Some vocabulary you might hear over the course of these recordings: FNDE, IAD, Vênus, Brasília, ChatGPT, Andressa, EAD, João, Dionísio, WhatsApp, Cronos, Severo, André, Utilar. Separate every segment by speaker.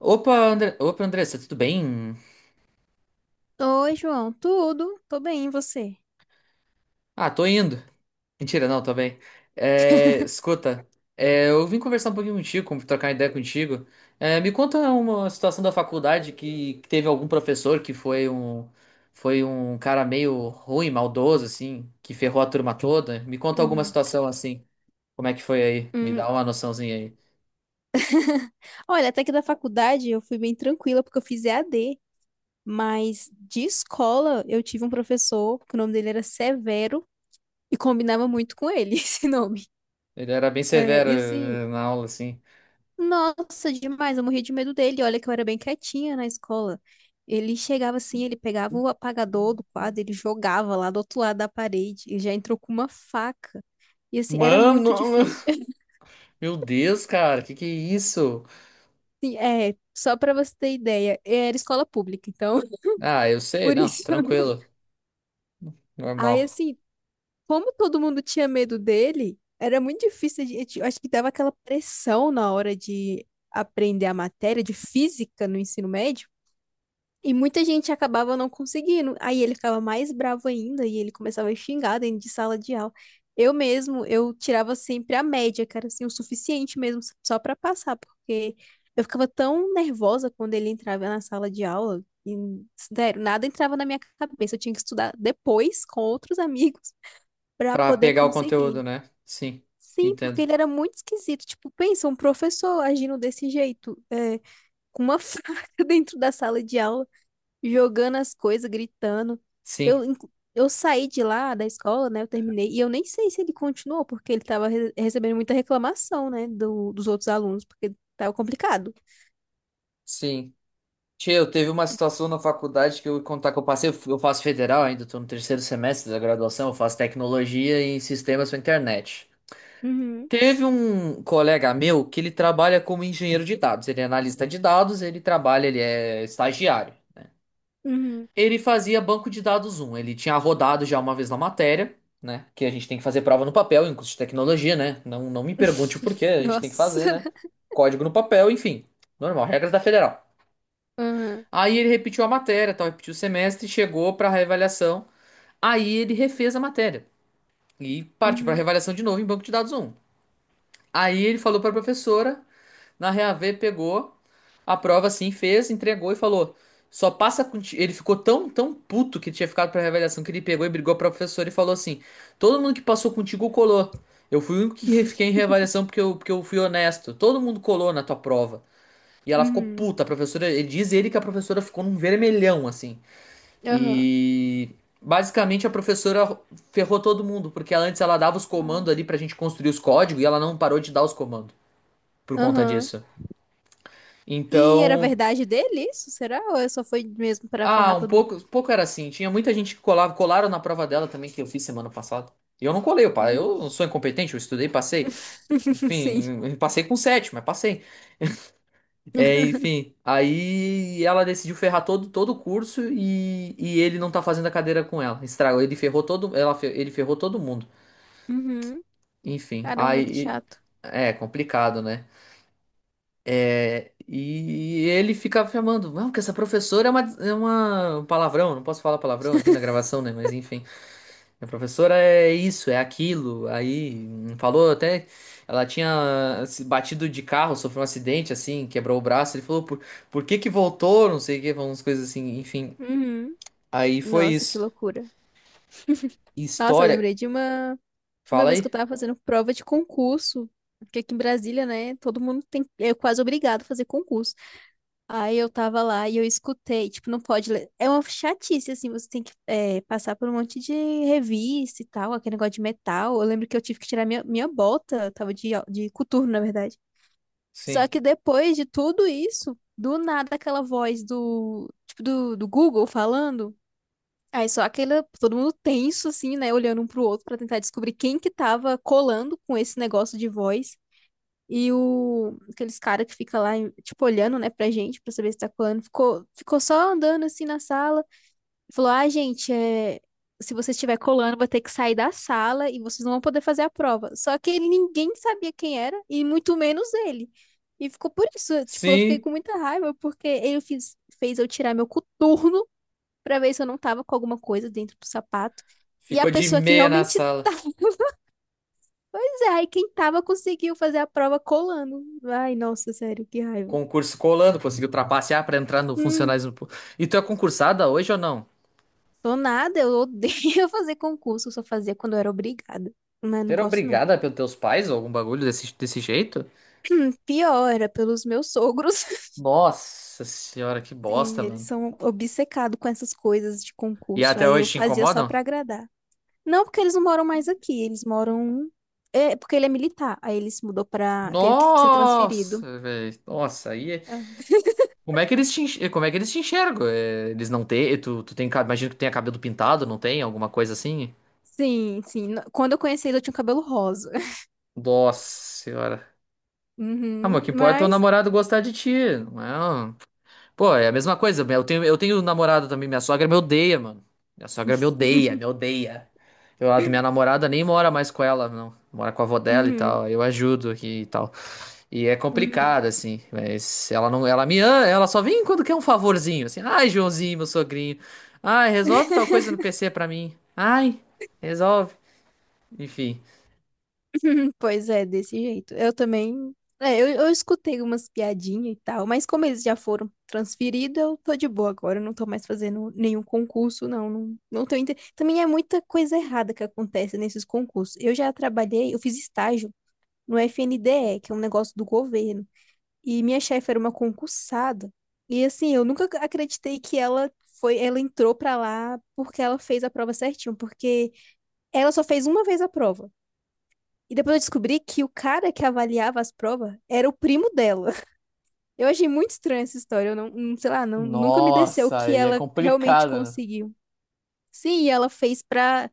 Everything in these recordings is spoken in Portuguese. Speaker 1: Opa, Andressa, tudo bem?
Speaker 2: Oi, João. Tudo? Tô bem, e você?
Speaker 1: Ah, tô indo. Mentira, não, tô bem. É, escuta, eu vim conversar um pouquinho contigo, trocar ideia contigo. É, me conta uma situação da faculdade que teve algum professor que foi um cara meio ruim, maldoso, assim, que ferrou a turma toda. Me conta alguma
Speaker 2: Uhum.
Speaker 1: situação assim. Como é que foi aí? Me
Speaker 2: Hum,
Speaker 1: dá uma noçãozinha aí.
Speaker 2: Olha, até que da faculdade eu fui bem tranquila porque eu fiz EAD, mas de escola eu tive um professor que o nome dele era Severo e combinava muito com ele esse nome.
Speaker 1: Ele era bem
Speaker 2: É,
Speaker 1: severo
Speaker 2: e assim,
Speaker 1: na aula, assim.
Speaker 2: nossa, demais, eu morria de medo dele. Olha que eu era bem quietinha na escola. Ele chegava assim, ele pegava o apagador do quadro, ele jogava lá do outro lado da parede e já entrou com uma faca. E assim, era
Speaker 1: Mano,
Speaker 2: muito difícil.
Speaker 1: meu Deus, cara, que é isso?
Speaker 2: Sim, é, só pra você ter ideia, era escola pública, então,
Speaker 1: Ah, eu sei,
Speaker 2: por
Speaker 1: não,
Speaker 2: isso.
Speaker 1: tranquilo.
Speaker 2: Aí,
Speaker 1: Normal.
Speaker 2: assim, como todo mundo tinha medo dele, era muito difícil, eu acho que dava aquela pressão na hora de aprender a matéria de física no ensino médio, e muita gente acabava não conseguindo. Aí ele ficava mais bravo ainda e ele começava a xingar dentro de sala de aula. Eu mesmo, eu tirava sempre a média, cara, assim, o suficiente mesmo só pra passar, porque eu ficava tão nervosa quando ele entrava na sala de aula e, sério, nada entrava na minha cabeça. Eu tinha que estudar depois com outros amigos pra
Speaker 1: Pra
Speaker 2: poder
Speaker 1: pegar o conteúdo,
Speaker 2: conseguir.
Speaker 1: né? Sim,
Speaker 2: Sim, porque
Speaker 1: entendo.
Speaker 2: ele era muito esquisito. Tipo, pensa, um professor agindo desse jeito, é, com uma faca dentro da sala de aula jogando as coisas, gritando. Eu,
Speaker 1: Sim,
Speaker 2: inclu- eu saí de lá da escola, né? Eu terminei. E eu nem sei se ele continuou, porque ele tava recebendo muita reclamação, né? Dos outros alunos, porque tava complicado.
Speaker 1: sim. Tchê, eu teve uma situação na faculdade que eu ia contar que eu passei, eu faço federal ainda, tô no terceiro semestre da graduação, eu faço tecnologia em sistemas para internet.
Speaker 2: Uhum,
Speaker 1: Teve um colega meu que ele trabalha como engenheiro de dados, ele é analista de dados, ele trabalha, ele é estagiário.
Speaker 2: uhum.
Speaker 1: Ele fazia banco de dados um. Ele tinha rodado já uma vez na matéria, né? Que a gente tem que fazer prova no papel, em curso de tecnologia, né? Não, não me pergunte o porquê, a gente tem que
Speaker 2: Nossa.
Speaker 1: fazer, né? Código no papel, enfim. Normal, regras da federal.
Speaker 2: Uhum,
Speaker 1: Aí ele repetiu a matéria, tal, repetiu o semestre, chegou para reavaliação. Aí ele refez a matéria e partiu para
Speaker 2: uhum,
Speaker 1: reavaliação de novo em banco de dados um. Aí ele falou para a professora na Reavê, pegou a prova assim, fez, entregou e falou: "Só passa com ti-" ele ficou tão tão puto que tinha ficado pra reavaliação que ele pegou e brigou com o professor e falou assim: "Todo mundo que passou contigo colou. Eu fui o único que re- fiquei em reavaliação porque eu fui honesto. Todo mundo colou na tua prova." E ela ficou
Speaker 2: uhum,
Speaker 1: puta, a professora, ele diz ele que a professora ficou num vermelhão assim.
Speaker 2: aham.
Speaker 1: E basicamente a professora ferrou todo mundo, porque ela antes ela dava os comandos
Speaker 2: Nossa.
Speaker 1: ali pra gente construir os códigos e ela não parou de dar os comandos por conta
Speaker 2: Aham.
Speaker 1: disso.
Speaker 2: E era
Speaker 1: Então,
Speaker 2: verdade dele isso, será? Ou é só foi mesmo pra
Speaker 1: ah,
Speaker 2: ferrar
Speaker 1: um
Speaker 2: todo mundo?
Speaker 1: pouco era assim. Tinha muita gente que colava, colaram na prova dela também que eu fiz semana passada. E eu não colei, eu, eu não
Speaker 2: Vixe.
Speaker 1: sou incompetente, eu estudei, passei.
Speaker 2: Sim.
Speaker 1: Enfim, eu passei com sete, mas passei. É, enfim, aí ela decidiu ferrar todo o curso e ele não tá fazendo a cadeira com ela. Estragou, ele ferrou todo mundo.
Speaker 2: Uhum.
Speaker 1: Enfim,
Speaker 2: Caramba, que
Speaker 1: aí
Speaker 2: chato.
Speaker 1: é complicado, né? E ele ficava chamando, não, que essa professora é uma um palavrão, não posso falar palavrão aqui na gravação, né? Mas enfim, a professora é isso, é aquilo. Aí falou até, ela tinha se batido de carro, sofreu um acidente, assim, quebrou o braço. Ele falou, por que que voltou? Não sei o que, umas coisas assim, enfim.
Speaker 2: Uhum.
Speaker 1: Aí foi
Speaker 2: Nossa, que
Speaker 1: isso.
Speaker 2: loucura. Nossa, eu
Speaker 1: História,
Speaker 2: lembrei de uma
Speaker 1: fala
Speaker 2: vez que eu
Speaker 1: aí?
Speaker 2: tava fazendo prova de concurso, porque aqui em Brasília, né, todo mundo tem é quase obrigado a fazer concurso. Aí eu tava lá e eu escutei, tipo, não pode ler. É uma chatice assim, você tem que é, passar por um monte de revista e tal, aquele negócio de metal. Eu lembro que eu tive que tirar minha bota, eu tava de coturno, na verdade. Só
Speaker 1: Sim.
Speaker 2: que depois de tudo isso, do nada aquela voz do tipo do Google falando. Aí só aquela, todo mundo tenso, assim, né, olhando um pro outro pra tentar descobrir quem que tava colando com esse negócio de voz. E o, aqueles cara que fica lá, tipo, olhando, né, pra gente, pra saber se tá colando, ficou só andando, assim, na sala. Falou, ah, gente, é, se você estiver colando, vai ter que sair da sala e vocês não vão poder fazer a prova. Só que ele, ninguém sabia quem era, e muito menos ele. E ficou por isso, tipo, eu fiquei
Speaker 1: Sim,
Speaker 2: com muita raiva, porque fez eu tirar meu coturno pra ver se eu não tava com alguma coisa dentro do sapato. E a
Speaker 1: ficou de
Speaker 2: pessoa que
Speaker 1: meia na
Speaker 2: realmente
Speaker 1: sala.
Speaker 2: tava, pois é, e quem tava conseguiu fazer a prova colando. Ai, nossa, sério, que raiva.
Speaker 1: Concurso colando, conseguiu trapacear pra entrar no
Speaker 2: Hum,
Speaker 1: funcionários. No pu- E tu é concursada hoje ou não?
Speaker 2: Sou nada, eu odeio fazer concurso, eu só fazia quando eu era obrigada. Mas não
Speaker 1: Ter
Speaker 2: gosto, não.
Speaker 1: obrigada pelos teus pais ou algum bagulho desse, desse jeito?
Speaker 2: Pior, era pelos meus sogros.
Speaker 1: Nossa senhora, que bosta,
Speaker 2: Sim, eles
Speaker 1: mano.
Speaker 2: são obcecados com essas coisas de
Speaker 1: E
Speaker 2: concurso.
Speaker 1: até
Speaker 2: Aí eu
Speaker 1: hoje te
Speaker 2: fazia só
Speaker 1: incomodam?
Speaker 2: pra agradar. Não, porque eles não moram mais aqui, eles moram. É, porque ele é militar. Aí ele se mudou pra. Teve que ser transferido.
Speaker 1: Nossa, velho. Nossa, aí. Como é que eles te enxergam? Eles não têm. Tu tem. Imagino que tenha cabelo pintado, não tem? Alguma coisa assim?
Speaker 2: Sim, sim. Quando eu conheci ele, eu tinha um cabelo rosa.
Speaker 1: Nossa senhora. Ah, mas o
Speaker 2: Uhum,
Speaker 1: que importa é o
Speaker 2: mas.
Speaker 1: namorado gostar de ti, não é? Pô, é a mesma coisa. Eu tenho namorada também. Minha sogra me odeia, mano. Minha sogra me odeia, me odeia. Eu, a minha namorada nem mora mais com ela, não. Mora com a avó dela e
Speaker 2: Uhum,
Speaker 1: tal. Eu ajudo aqui e tal. E é
Speaker 2: uhum.
Speaker 1: complicado, assim. Mas ela não, ela me ama, ela só vem quando quer um favorzinho, assim. Ai, Joãozinho, meu sogrinho. Ai, resolve tal coisa no PC pra mim. Ai, resolve. Enfim.
Speaker 2: Pois é, desse jeito. Eu também. É, eu escutei umas piadinhas e tal, mas como eles já foram transferidos, eu tô de boa agora. Eu não tô mais fazendo nenhum concurso, não. Não, não tenho inter... Também é muita coisa errada que acontece nesses concursos. Eu já trabalhei, eu fiz estágio no FNDE, que é um negócio do governo. E minha chefe era uma concursada. E assim, eu nunca acreditei que ela entrou pra lá porque ela fez a prova certinho, porque ela só fez uma vez a prova. E depois eu descobri que o cara que avaliava as provas era o primo dela. Eu achei muito estranha essa história. Eu não, não- sei lá, não, nunca me desceu
Speaker 1: Nossa,
Speaker 2: que
Speaker 1: aí é
Speaker 2: ela realmente
Speaker 1: complicado, né?
Speaker 2: conseguiu. Sim, e ela fez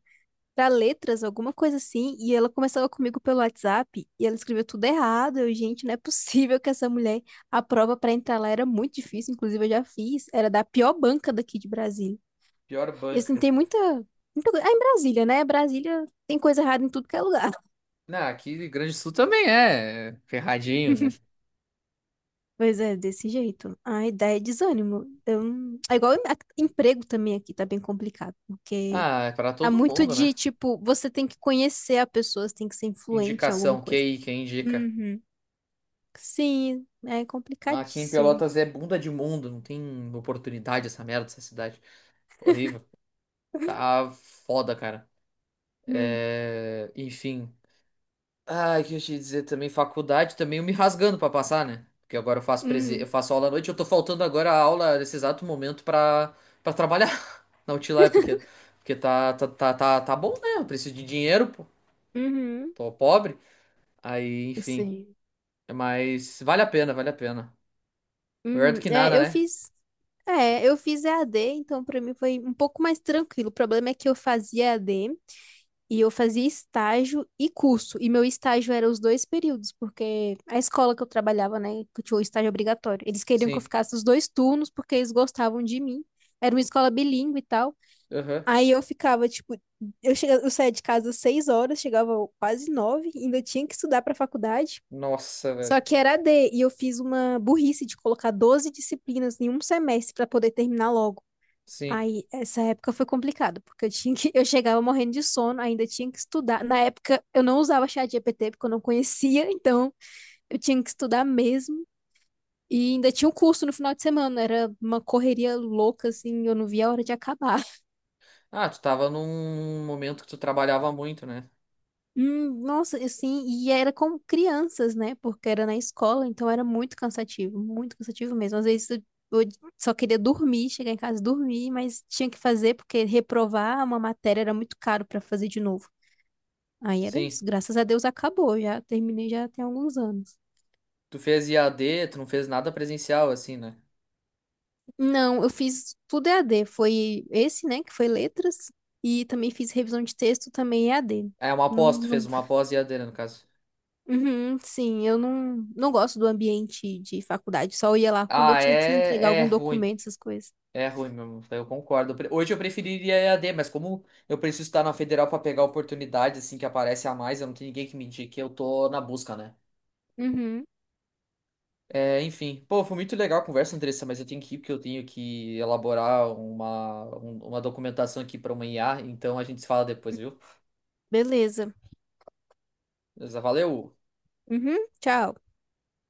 Speaker 2: pra letras, alguma coisa assim, e ela começava comigo pelo WhatsApp e ela escreveu tudo errado. Eu, gente, não é possível que essa mulher. A prova pra entrar lá era muito difícil, inclusive eu já fiz, era da pior banca daqui de Brasília.
Speaker 1: Pior
Speaker 2: E assim,
Speaker 1: banca.
Speaker 2: tem muita, muita, ah, em Brasília, né? Brasília tem coisa errada em tudo que é lugar.
Speaker 1: Não, aqui Grande Sul também é ferradinho, né?
Speaker 2: Pois é, desse jeito. A ideia é desânimo. Eu... não- É igual emprego também aqui, tá bem complicado, porque.
Speaker 1: Ah, é pra
Speaker 2: Há
Speaker 1: todo
Speaker 2: muito
Speaker 1: mundo, né?
Speaker 2: de, tipo, você tem que conhecer a pessoa, você tem que ser influente em alguma
Speaker 1: Indicação,
Speaker 2: coisa.
Speaker 1: QI, quem indica?
Speaker 2: Uhum. Sim, é
Speaker 1: Ah, aqui em
Speaker 2: complicadíssimo.
Speaker 1: Pelotas é bunda de mundo, não tem oportunidade essa merda, essa cidade. Horrível. Tá foda, cara.
Speaker 2: Hum,
Speaker 1: É... enfim. Ah, o que eu ia te dizer também, faculdade também eu me rasgando pra passar, né? Porque agora eu
Speaker 2: uhum,
Speaker 1: faço aula à noite, eu tô faltando agora a aula nesse exato momento pra, pra trabalhar na Utilar, porque tá bom, né? Eu preciso de dinheiro, pô.
Speaker 2: uhum,
Speaker 1: Tô pobre. Aí, enfim.
Speaker 2: sim,
Speaker 1: Mas vale a pena, vale a pena. Melhor do
Speaker 2: uhum.
Speaker 1: que
Speaker 2: É,
Speaker 1: nada,
Speaker 2: eu
Speaker 1: né?
Speaker 2: fiz, é, eu fiz EAD, então para mim foi um pouco mais tranquilo. O problema é que eu fazia EAD e eu fazia estágio e curso, e meu estágio era os dois períodos, porque a escola que eu trabalhava, né, que tinha o estágio obrigatório, eles queriam que eu
Speaker 1: Sim.
Speaker 2: ficasse os dois turnos porque eles gostavam de mim. Era uma escola bilíngue e tal.
Speaker 1: Aham.
Speaker 2: Aí eu ficava, tipo, eu saía de casa às 6 horas, chegava quase nove, ainda tinha que estudar para faculdade.
Speaker 1: Nossa, velho.
Speaker 2: Só que era AD, e eu fiz uma burrice de colocar 12 disciplinas em um semestre para poder terminar logo.
Speaker 1: Sim.
Speaker 2: Aí, essa época foi complicado, porque eu tinha que, eu chegava morrendo de sono, ainda tinha que estudar. Na época, eu não usava chat GPT, porque eu não conhecia, então eu tinha que estudar mesmo. E ainda tinha um curso no final de semana, era uma correria louca, assim, eu não via a hora de acabar.
Speaker 1: Ah, tu tava num momento que tu trabalhava muito, né?
Speaker 2: Nossa, assim, e era com crianças, né? Porque era na escola, então era muito cansativo mesmo. Às vezes eu só queria dormir, chegar em casa e dormir, mas tinha que fazer porque reprovar uma matéria era muito caro pra fazer de novo. Aí era
Speaker 1: Sim.
Speaker 2: isso, graças a Deus acabou, já terminei já tem alguns anos.
Speaker 1: Tu fez IAD, tu não fez nada presencial, assim, né?
Speaker 2: Não, eu fiz tudo EAD, foi esse, né, que foi letras, e também fiz revisão de texto também EAD.
Speaker 1: É uma
Speaker 2: Não,
Speaker 1: pós, tu fez
Speaker 2: não.
Speaker 1: uma pós IAD, né, no caso.
Speaker 2: Uhum, sim, eu não, não gosto do ambiente de faculdade, só ia lá quando eu
Speaker 1: Ah,
Speaker 2: tinha que entregar
Speaker 1: é, é
Speaker 2: algum
Speaker 1: ruim.
Speaker 2: documento, essas coisas.
Speaker 1: É ruim mesmo, eu concordo. Hoje eu preferiria EAD, mas como eu preciso estar na federal pra pegar oportunidades assim que aparece a mais, eu não tenho ninguém que me indique, eu tô na busca, né?
Speaker 2: Uhum,
Speaker 1: É, enfim, pô, foi muito legal a conversa, Andressa, mas eu tenho que ir porque eu tenho que elaborar uma documentação aqui para uma IA, então a gente se fala depois, viu?
Speaker 2: beleza.
Speaker 1: Beleza, valeu!
Speaker 2: Uhum, tchau.